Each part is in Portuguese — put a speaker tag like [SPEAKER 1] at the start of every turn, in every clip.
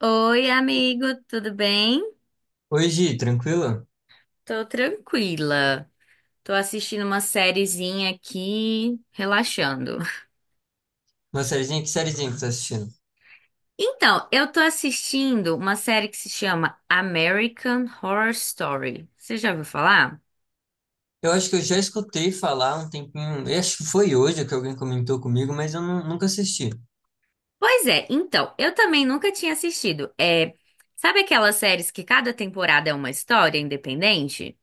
[SPEAKER 1] Oi, amigo, tudo bem?
[SPEAKER 2] Oi, Gi, tranquilo?
[SPEAKER 1] Tô tranquila. Tô assistindo uma sériezinha aqui, relaxando.
[SPEAKER 2] Uma sériezinha que tá assistindo?
[SPEAKER 1] Então, eu tô assistindo uma série que se chama American Horror Story. Você já ouviu falar?
[SPEAKER 2] Eu acho que eu já escutei falar um tempinho, eu acho que foi hoje que alguém comentou comigo, mas eu nunca assisti.
[SPEAKER 1] Pois é, então, eu também nunca tinha assistido. É, sabe aquelas séries que cada temporada é uma história independente?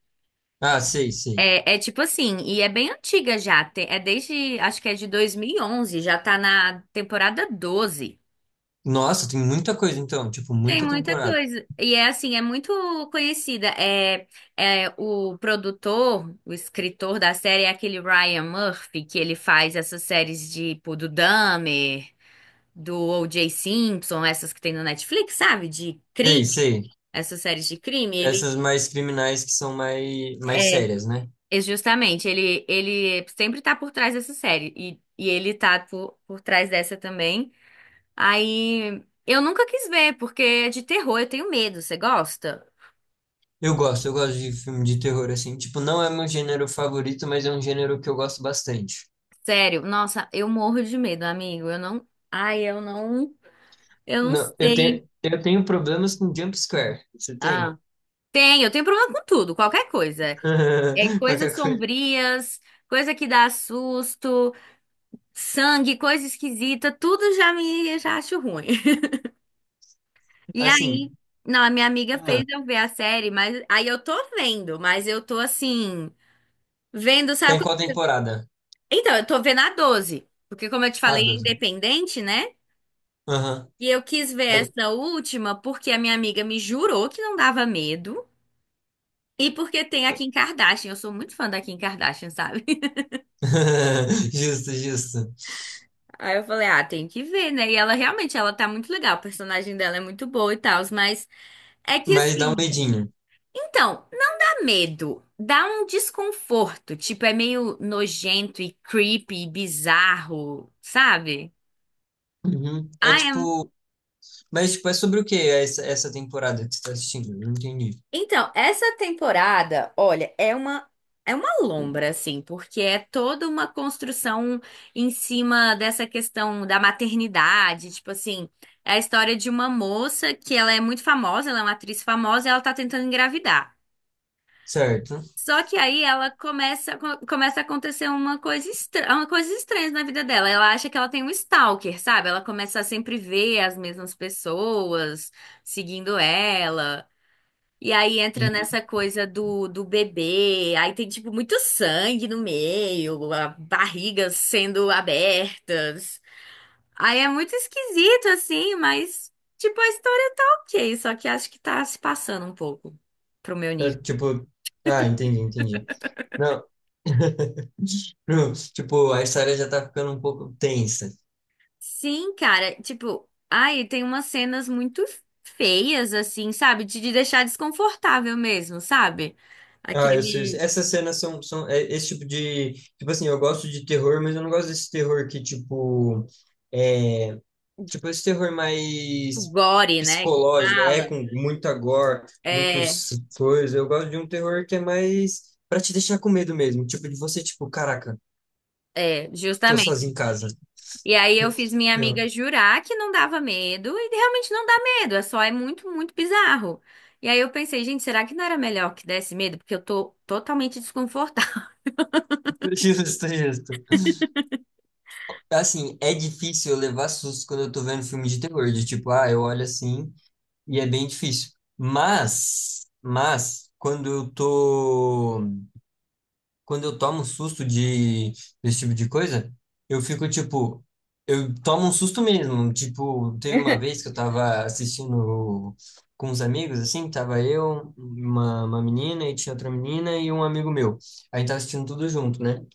[SPEAKER 2] Ah, sei, sei.
[SPEAKER 1] É tipo assim, e é bem antiga já, é desde, acho que é de 2011, já tá na temporada 12.
[SPEAKER 2] Nossa, tem muita coisa então, tipo,
[SPEAKER 1] Tem
[SPEAKER 2] muita
[SPEAKER 1] muita
[SPEAKER 2] temporada.
[SPEAKER 1] coisa. E é assim, é muito conhecida. É, é o produtor, o escritor da série é aquele Ryan Murphy, que ele faz essas séries de, tipo, do Dahmer, do O.J. Simpson, essas que tem no Netflix, sabe? De crime,
[SPEAKER 2] Sei, sei.
[SPEAKER 1] essas séries de crime. Ele,
[SPEAKER 2] Essas mais criminais que são mais, mais sérias, né?
[SPEAKER 1] é justamente, ele sempre tá por trás dessa série. E ele tá por trás dessa também. Aí, eu nunca quis ver, porque é de terror, eu tenho medo. Você gosta?
[SPEAKER 2] Eu gosto de filme de terror, assim. Tipo, não é meu gênero favorito, mas é um gênero que eu gosto bastante.
[SPEAKER 1] Sério, nossa, eu morro de medo, amigo. Eu não. Ai, eu não. Eu não
[SPEAKER 2] Não, eu tenho,
[SPEAKER 1] sei.
[SPEAKER 2] eu tenho problemas com jump scare. Você tem?
[SPEAKER 1] Ah, tem, eu tenho problema com tudo, qualquer coisa. É
[SPEAKER 2] Qualquer
[SPEAKER 1] coisas
[SPEAKER 2] coisa.
[SPEAKER 1] sombrias, coisa que dá susto, sangue, coisa esquisita, tudo já me já acho ruim. E
[SPEAKER 2] Assim.
[SPEAKER 1] aí, não, a minha amiga fez eu ver a série, mas aí eu tô vendo, mas eu tô assim, vendo,
[SPEAKER 2] Tá em
[SPEAKER 1] sabe?
[SPEAKER 2] qual temporada?
[SPEAKER 1] Então, eu tô vendo a 12, porque como eu te
[SPEAKER 2] Ah,
[SPEAKER 1] falei, é
[SPEAKER 2] 12.
[SPEAKER 1] independente, né?
[SPEAKER 2] Aham.
[SPEAKER 1] E eu quis ver
[SPEAKER 2] Aí-
[SPEAKER 1] essa última porque a minha amiga me jurou que não dava medo. E porque tem a Kim Kardashian. Eu sou muito fã da Kim Kardashian, sabe?
[SPEAKER 2] Justo, justo.
[SPEAKER 1] Aí eu falei, ah, tem que ver, né? E ela realmente, ela tá muito legal. O personagem dela é muito boa e tal. Mas é que
[SPEAKER 2] Mas dá um
[SPEAKER 1] assim,
[SPEAKER 2] medinho.
[SPEAKER 1] então, não dá medo. Dá um desconforto. Tipo, é meio nojento e creepy e bizarro, sabe?
[SPEAKER 2] Uhum. É
[SPEAKER 1] Ah, é.
[SPEAKER 2] tipo. Mas tipo, é sobre o que essa temporada que você tá assistindo? Não entendi.
[SPEAKER 1] Então, essa temporada, olha, é uma lombra assim, porque é toda uma construção em cima dessa questão da maternidade, tipo assim, é a história de uma moça que ela é muito famosa, ela é uma atriz famosa, e ela tá tentando engravidar.
[SPEAKER 2] Certo.
[SPEAKER 1] Só que aí ela começa começa a acontecer uma coisa estranha na vida dela. Ela acha que ela tem um stalker, sabe? Ela começa a sempre ver as mesmas pessoas seguindo ela. E aí entra
[SPEAKER 2] Uhum.
[SPEAKER 1] nessa coisa do bebê, aí tem tipo muito sangue no meio, a barrigas sendo abertas. Aí é muito esquisito assim, mas tipo a história tá ok, só que acho que tá se passando um pouco pro meu
[SPEAKER 2] É,
[SPEAKER 1] nível.
[SPEAKER 2] tipo. Ah, entendi, entendi. Não. Não, tipo, a história já tá ficando um pouco tensa.
[SPEAKER 1] Sim, cara, tipo, ai, tem umas cenas muito feias assim, sabe? De deixar desconfortável mesmo, sabe?
[SPEAKER 2] Ah, eu sei. Eu sei.
[SPEAKER 1] Aquele
[SPEAKER 2] Essas cenas são, esse tipo de. Tipo assim, eu gosto de terror, mas eu não gosto desse terror que, tipo. é, Tipo, esse terror
[SPEAKER 1] tipo,
[SPEAKER 2] mais
[SPEAKER 1] gore, né, que
[SPEAKER 2] psicológico, é
[SPEAKER 1] fala.
[SPEAKER 2] com muita gore,
[SPEAKER 1] É,
[SPEAKER 2] muitos coisas. Eu gosto de um terror que é mais pra te deixar com medo mesmo. Tipo, de você, tipo, caraca, tô sozinho
[SPEAKER 1] justamente.
[SPEAKER 2] em casa.
[SPEAKER 1] E aí eu fiz minha
[SPEAKER 2] Eu.
[SPEAKER 1] amiga jurar que não dava medo, e realmente não dá medo, é só é muito, muito bizarro. E aí eu pensei, gente, será que não era melhor que desse medo? Porque eu tô totalmente desconfortável.
[SPEAKER 2] Justo, justo. Assim, é difícil eu levar susto quando eu tô vendo filme de terror, de tipo, ah, eu olho assim e é bem difícil. Mas, quando eu tô quando eu tomo um susto de desse tipo de coisa, eu fico tipo, eu tomo um susto mesmo. Tipo, teve uma vez que eu tava assistindo com uns amigos, assim, tava eu, uma menina e tinha outra menina e um amigo meu. A gente tava assistindo tudo junto, né?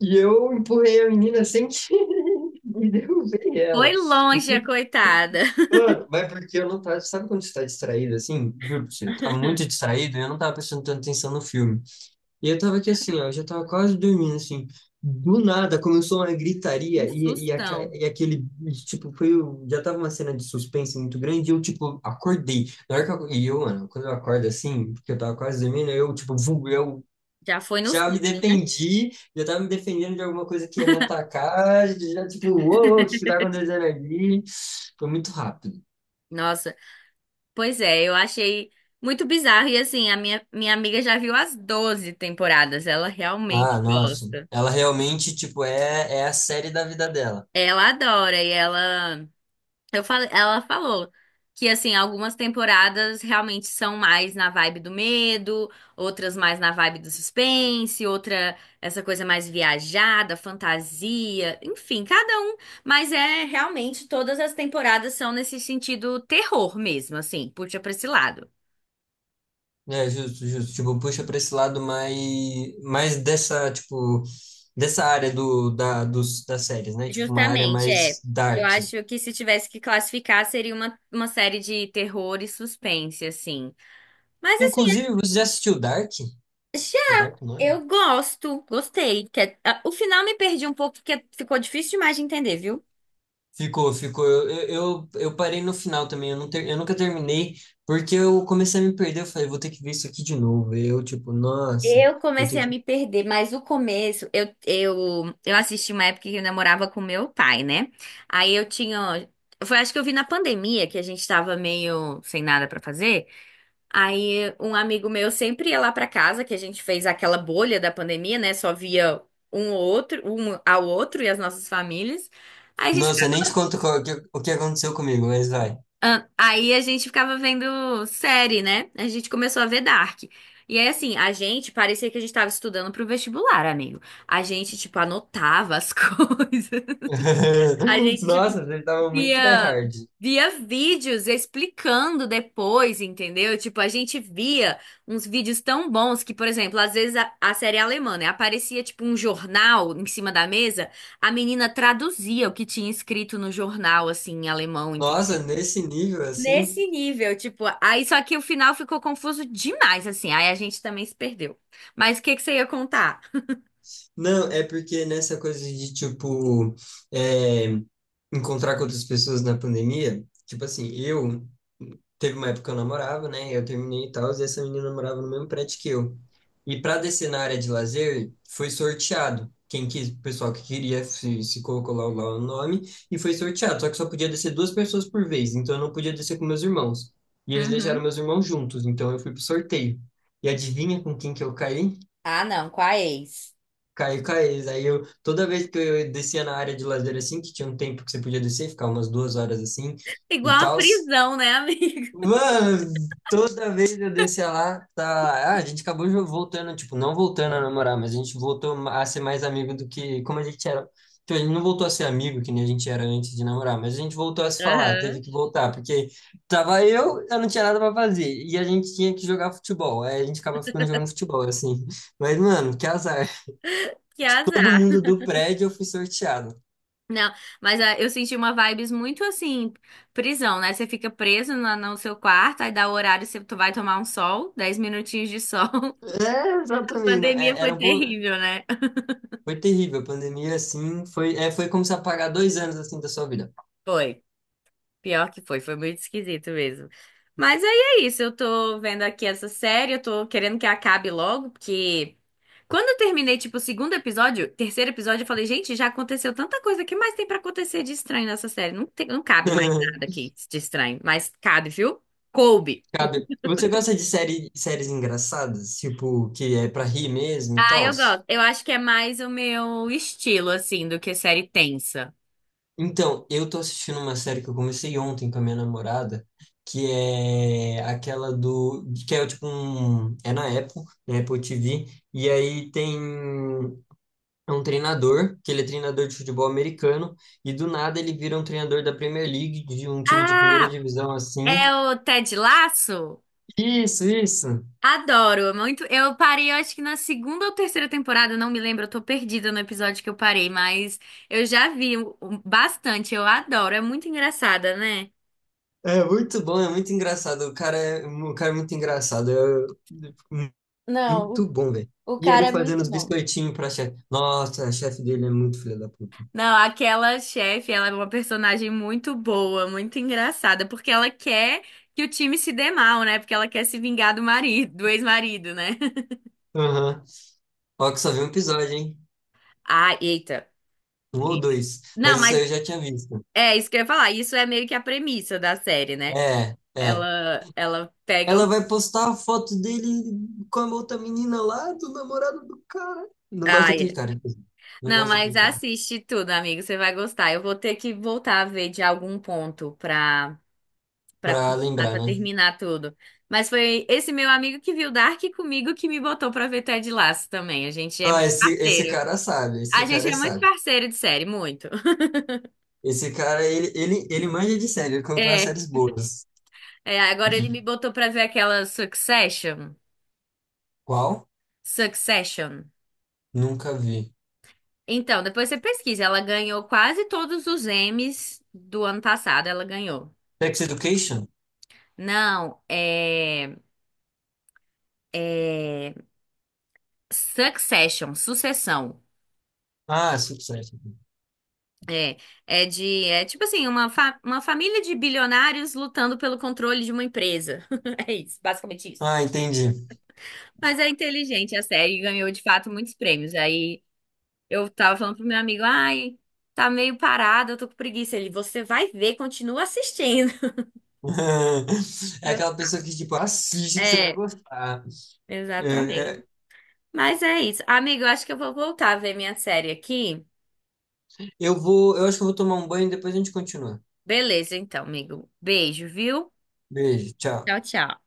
[SPEAKER 2] E eu empurrei a menina sem querer e derrubei ela.
[SPEAKER 1] Foi longe a coitada.
[SPEAKER 2] Mano, mas porque eu não tava, sabe quando você tá distraído assim? Juro pra você, eu tava muito distraído e eu não tava prestando tanta atenção no filme. E eu tava aqui assim, ó, eu já tava quase dormindo, assim. Do nada começou uma
[SPEAKER 1] Um
[SPEAKER 2] gritaria e, e, aca-
[SPEAKER 1] sustão.
[SPEAKER 2] e aquele, tipo, foi, já tava uma cena de suspense muito grande e eu, tipo, acordei. Na hora que eu, mano, quando eu acordo assim, porque eu tava quase dormindo, eu, tipo, eu
[SPEAKER 1] Já foi no
[SPEAKER 2] já me
[SPEAKER 1] susto, né?
[SPEAKER 2] defendi, já tava me defendendo de alguma coisa que ia me atacar, já, tipo, uou, o que que tá acontecendo ali. Foi muito rápido.
[SPEAKER 1] Nossa, pois é, eu achei muito bizarro. E assim, a minha amiga já viu as 12 temporadas, ela
[SPEAKER 2] Ah,
[SPEAKER 1] realmente
[SPEAKER 2] nossa.
[SPEAKER 1] gosta.
[SPEAKER 2] Ela realmente, tipo, é a série da vida dela.
[SPEAKER 1] Ela adora e ela. Eu falei, ela falou que assim, algumas temporadas realmente são mais na vibe do medo, outras mais na vibe do suspense, outra essa coisa mais viajada, fantasia, enfim, cada um, mas é realmente todas as temporadas são nesse sentido terror mesmo, assim, puxa pra esse lado.
[SPEAKER 2] É, justo, justo. Tipo, puxa para esse lado mais, mais dessa, tipo, dessa área das séries, né? Tipo, uma área
[SPEAKER 1] Justamente, é.
[SPEAKER 2] mais
[SPEAKER 1] Eu
[SPEAKER 2] dark.
[SPEAKER 1] acho que se tivesse que classificar, seria uma série de terror e suspense, assim. Mas
[SPEAKER 2] Inclusive, você já assistiu Dark?
[SPEAKER 1] assim,
[SPEAKER 2] É Dark o nome?
[SPEAKER 1] eu gosto, gostei. Que é- ah, o final me perdi um pouco, porque ficou difícil demais de entender, viu?
[SPEAKER 2] Ficou, ficou. Eu parei no final também. Eu nunca terminei, porque eu comecei a me perder. Eu falei, vou ter que ver isso aqui de novo. Eu, tipo, nossa,
[SPEAKER 1] Eu
[SPEAKER 2] vou
[SPEAKER 1] comecei
[SPEAKER 2] ter
[SPEAKER 1] a
[SPEAKER 2] que.
[SPEAKER 1] me perder, mas o começo, eu assisti uma época que eu namorava com meu pai, né? Aí eu tinha. Foi, acho que eu vi na pandemia, que a gente tava meio sem nada pra fazer. Aí um amigo meu sempre ia lá pra casa, que a gente fez aquela bolha da pandemia, né? Só via um ou outro, um ao outro e as nossas famílias. Aí a gente
[SPEAKER 2] Nossa, eu nem te conto qual- o que aconteceu comigo, mas vai.
[SPEAKER 1] ah, aí a gente ficava vendo série, né? A gente começou a ver Dark. E aí, assim, a gente parecia que a gente tava estudando pro vestibular, amigo. A gente, tipo, anotava as coisas. A gente,
[SPEAKER 2] Nossa,
[SPEAKER 1] tipo,
[SPEAKER 2] ele tava muito
[SPEAKER 1] via,
[SPEAKER 2] tryhard.
[SPEAKER 1] via vídeos explicando depois, entendeu? Tipo, a gente via uns vídeos tão bons que, por exemplo, às vezes a série é alemã, né? Aparecia, tipo, um jornal em cima da mesa, a menina traduzia o que tinha escrito no jornal, assim, em alemão.
[SPEAKER 2] Nossa, nesse nível assim.
[SPEAKER 1] Nesse nível, tipo, aí só que o final ficou confuso demais, assim, aí a gente também se perdeu. Mas o que que você ia contar?
[SPEAKER 2] Não, é porque nessa coisa de, tipo, é, encontrar com outras pessoas na pandemia, tipo assim, eu, teve uma época que eu namorava, né, eu terminei e tal, e essa menina namorava no mesmo prédio que eu. E para descer na área de lazer, foi sorteado. Quem quis, o pessoal que queria se colocou lá, o- lá o nome, e foi sorteado. Só que só podia descer duas pessoas por vez, então eu não podia descer com meus irmãos. E eles deixaram
[SPEAKER 1] Uhum.
[SPEAKER 2] meus irmãos juntos, então eu fui pro sorteio. E adivinha com quem que eu caí?
[SPEAKER 1] Ah, não, com a ex.
[SPEAKER 2] Caí com a. Aí eu, toda vez que eu descia na área de lazer assim, que tinha um tempo que você podia descer, ficar umas duas horas assim e
[SPEAKER 1] Igual a
[SPEAKER 2] tal.
[SPEAKER 1] prisão, né, amigo?
[SPEAKER 2] Mano, toda vez eu descia lá, tá. Ah, a gente acabou voltando, tipo, não voltando a namorar, mas a gente voltou a ser mais amigo do que como a gente era. Tipo, a gente não voltou a ser amigo que nem a gente era antes de namorar, mas a gente voltou a se falar, teve
[SPEAKER 1] Aham.
[SPEAKER 2] que voltar, porque tava eu não tinha nada pra fazer, e a gente tinha que jogar futebol, aí a gente acaba ficando jogando futebol, assim. Mas, mano, que azar
[SPEAKER 1] Que
[SPEAKER 2] todo mundo
[SPEAKER 1] azar.
[SPEAKER 2] do prédio eu fui sorteado.
[SPEAKER 1] Não, mas ah, eu senti uma vibes muito assim, prisão, né? Você fica preso no seu quarto, aí dá o horário, você tu vai tomar um sol, 10 minutinhos de sol.
[SPEAKER 2] É,
[SPEAKER 1] A
[SPEAKER 2] exatamente. Não,
[SPEAKER 1] pandemia
[SPEAKER 2] é-
[SPEAKER 1] foi
[SPEAKER 2] era um pouco.
[SPEAKER 1] terrível, né?
[SPEAKER 2] Foi terrível. A pandemia, assim, foi como se apagar dois anos assim da sua vida.
[SPEAKER 1] Foi. Pior que foi, foi muito esquisito mesmo. Mas aí é isso, eu tô vendo aqui essa série, eu tô querendo que acabe logo, porque quando eu terminei, tipo, o segundo episódio, terceiro episódio, eu falei, gente, já aconteceu tanta coisa, o que mais tem pra acontecer de estranho nessa série? Não tem, não cabe mais nada aqui de estranho, mas cabe, viu? Coube.
[SPEAKER 2] Cabe. Você gosta de série, séries engraçadas? Tipo, que é pra rir mesmo e
[SPEAKER 1] Ah,
[SPEAKER 2] tal?
[SPEAKER 1] eu gosto. Eu acho que é mais o meu estilo, assim, do que série tensa.
[SPEAKER 2] Então, eu tô assistindo uma série que eu comecei ontem com a minha namorada, que é aquela do. Que é tipo um. É na Apple TV. E aí tem. É um treinador, que ele é treinador de futebol americano, e do nada ele vira um treinador da Premier League, de um time de primeira
[SPEAKER 1] Ah,
[SPEAKER 2] divisão assim.
[SPEAKER 1] é o Ted Lasso?
[SPEAKER 2] Isso, isso.
[SPEAKER 1] Adoro, é muito. Eu parei, eu acho que na segunda ou terceira temporada, não me lembro, eu tô perdida no episódio que eu parei, mas eu já vi o- bastante, eu adoro, é muito engraçada, né?
[SPEAKER 2] É muito bom, é muito engraçado. O cara é muito engraçado. É
[SPEAKER 1] Não,
[SPEAKER 2] muito bom, velho.
[SPEAKER 1] o
[SPEAKER 2] E ele
[SPEAKER 1] cara é
[SPEAKER 2] fazendo
[SPEAKER 1] muito
[SPEAKER 2] os
[SPEAKER 1] bom.
[SPEAKER 2] biscoitinhos pra chefe. Nossa, a chefe dele é muito filha da puta.
[SPEAKER 1] Não, aquela chefe, ela é uma personagem muito boa, muito engraçada, porque ela quer que o time se dê mal, né? Porque ela quer se vingar do marido, do ex-marido, né?
[SPEAKER 2] Aham. Ó, que só vi um episódio, hein?
[SPEAKER 1] Ah, eita,
[SPEAKER 2] Um ou
[SPEAKER 1] eita.
[SPEAKER 2] dois.
[SPEAKER 1] Não,
[SPEAKER 2] Mas isso
[SPEAKER 1] mas
[SPEAKER 2] aí eu já tinha visto.
[SPEAKER 1] é isso que eu ia falar. Isso é meio que a premissa da série, né?
[SPEAKER 2] É, é.
[SPEAKER 1] Ela pega
[SPEAKER 2] Ela vai postar a foto dele com a outra menina lá, do namorado do cara. Não gosto
[SPEAKER 1] ah
[SPEAKER 2] daquele
[SPEAKER 1] é.
[SPEAKER 2] cara. Inclusive. Não
[SPEAKER 1] Não,
[SPEAKER 2] gosto
[SPEAKER 1] mas
[SPEAKER 2] daquele cara.
[SPEAKER 1] assiste tudo, amigo. Você vai gostar. Eu vou ter que voltar a ver de algum ponto pra, pra,
[SPEAKER 2] Pra
[SPEAKER 1] continuar,
[SPEAKER 2] lembrar,
[SPEAKER 1] pra
[SPEAKER 2] né?
[SPEAKER 1] terminar tudo. Mas foi esse meu amigo que viu Dark comigo que me botou pra ver Ted Lasso também. A gente é
[SPEAKER 2] Ah,
[SPEAKER 1] muito
[SPEAKER 2] esse
[SPEAKER 1] parceiro.
[SPEAKER 2] cara sabe.
[SPEAKER 1] A
[SPEAKER 2] Esse cara
[SPEAKER 1] gente
[SPEAKER 2] é
[SPEAKER 1] é muito
[SPEAKER 2] sábio.
[SPEAKER 1] parceiro de série, muito.
[SPEAKER 2] Esse cara, ele manja de série. Ele colocou umas
[SPEAKER 1] É,
[SPEAKER 2] séries boas.
[SPEAKER 1] agora ele me botou pra ver aquela Succession.
[SPEAKER 2] Qual?
[SPEAKER 1] Succession.
[SPEAKER 2] Nunca vi.
[SPEAKER 1] Então, depois você pesquisa. Ela ganhou quase todos os Emmys do ano passado. Ela ganhou.
[SPEAKER 2] Sex Education?
[SPEAKER 1] Não, é. É Succession, Sucessão.
[SPEAKER 2] Ah, Succession.
[SPEAKER 1] É, é de, é tipo assim, uma, fa- uma família de bilionários lutando pelo controle de uma empresa. É isso, basicamente isso.
[SPEAKER 2] Ah, entendi.
[SPEAKER 1] Mas é inteligente a série, e ganhou de fato muitos prêmios. Aí eu tava falando pro meu amigo, ai, tá meio parado, eu tô com preguiça. Ele, você vai ver, continua assistindo.
[SPEAKER 2] É
[SPEAKER 1] Eu,
[SPEAKER 2] aquela pessoa que, tipo, assiste que você vai
[SPEAKER 1] é,
[SPEAKER 2] gostar. É,
[SPEAKER 1] exatamente.
[SPEAKER 2] é,
[SPEAKER 1] Mas é isso. Amigo, eu acho que eu vou voltar a ver minha série aqui.
[SPEAKER 2] eu vou, eu acho que eu vou tomar um banho e depois a gente continua.
[SPEAKER 1] Beleza, então, amigo. Beijo, viu?
[SPEAKER 2] Beijo, tchau.
[SPEAKER 1] Tchau, tchau.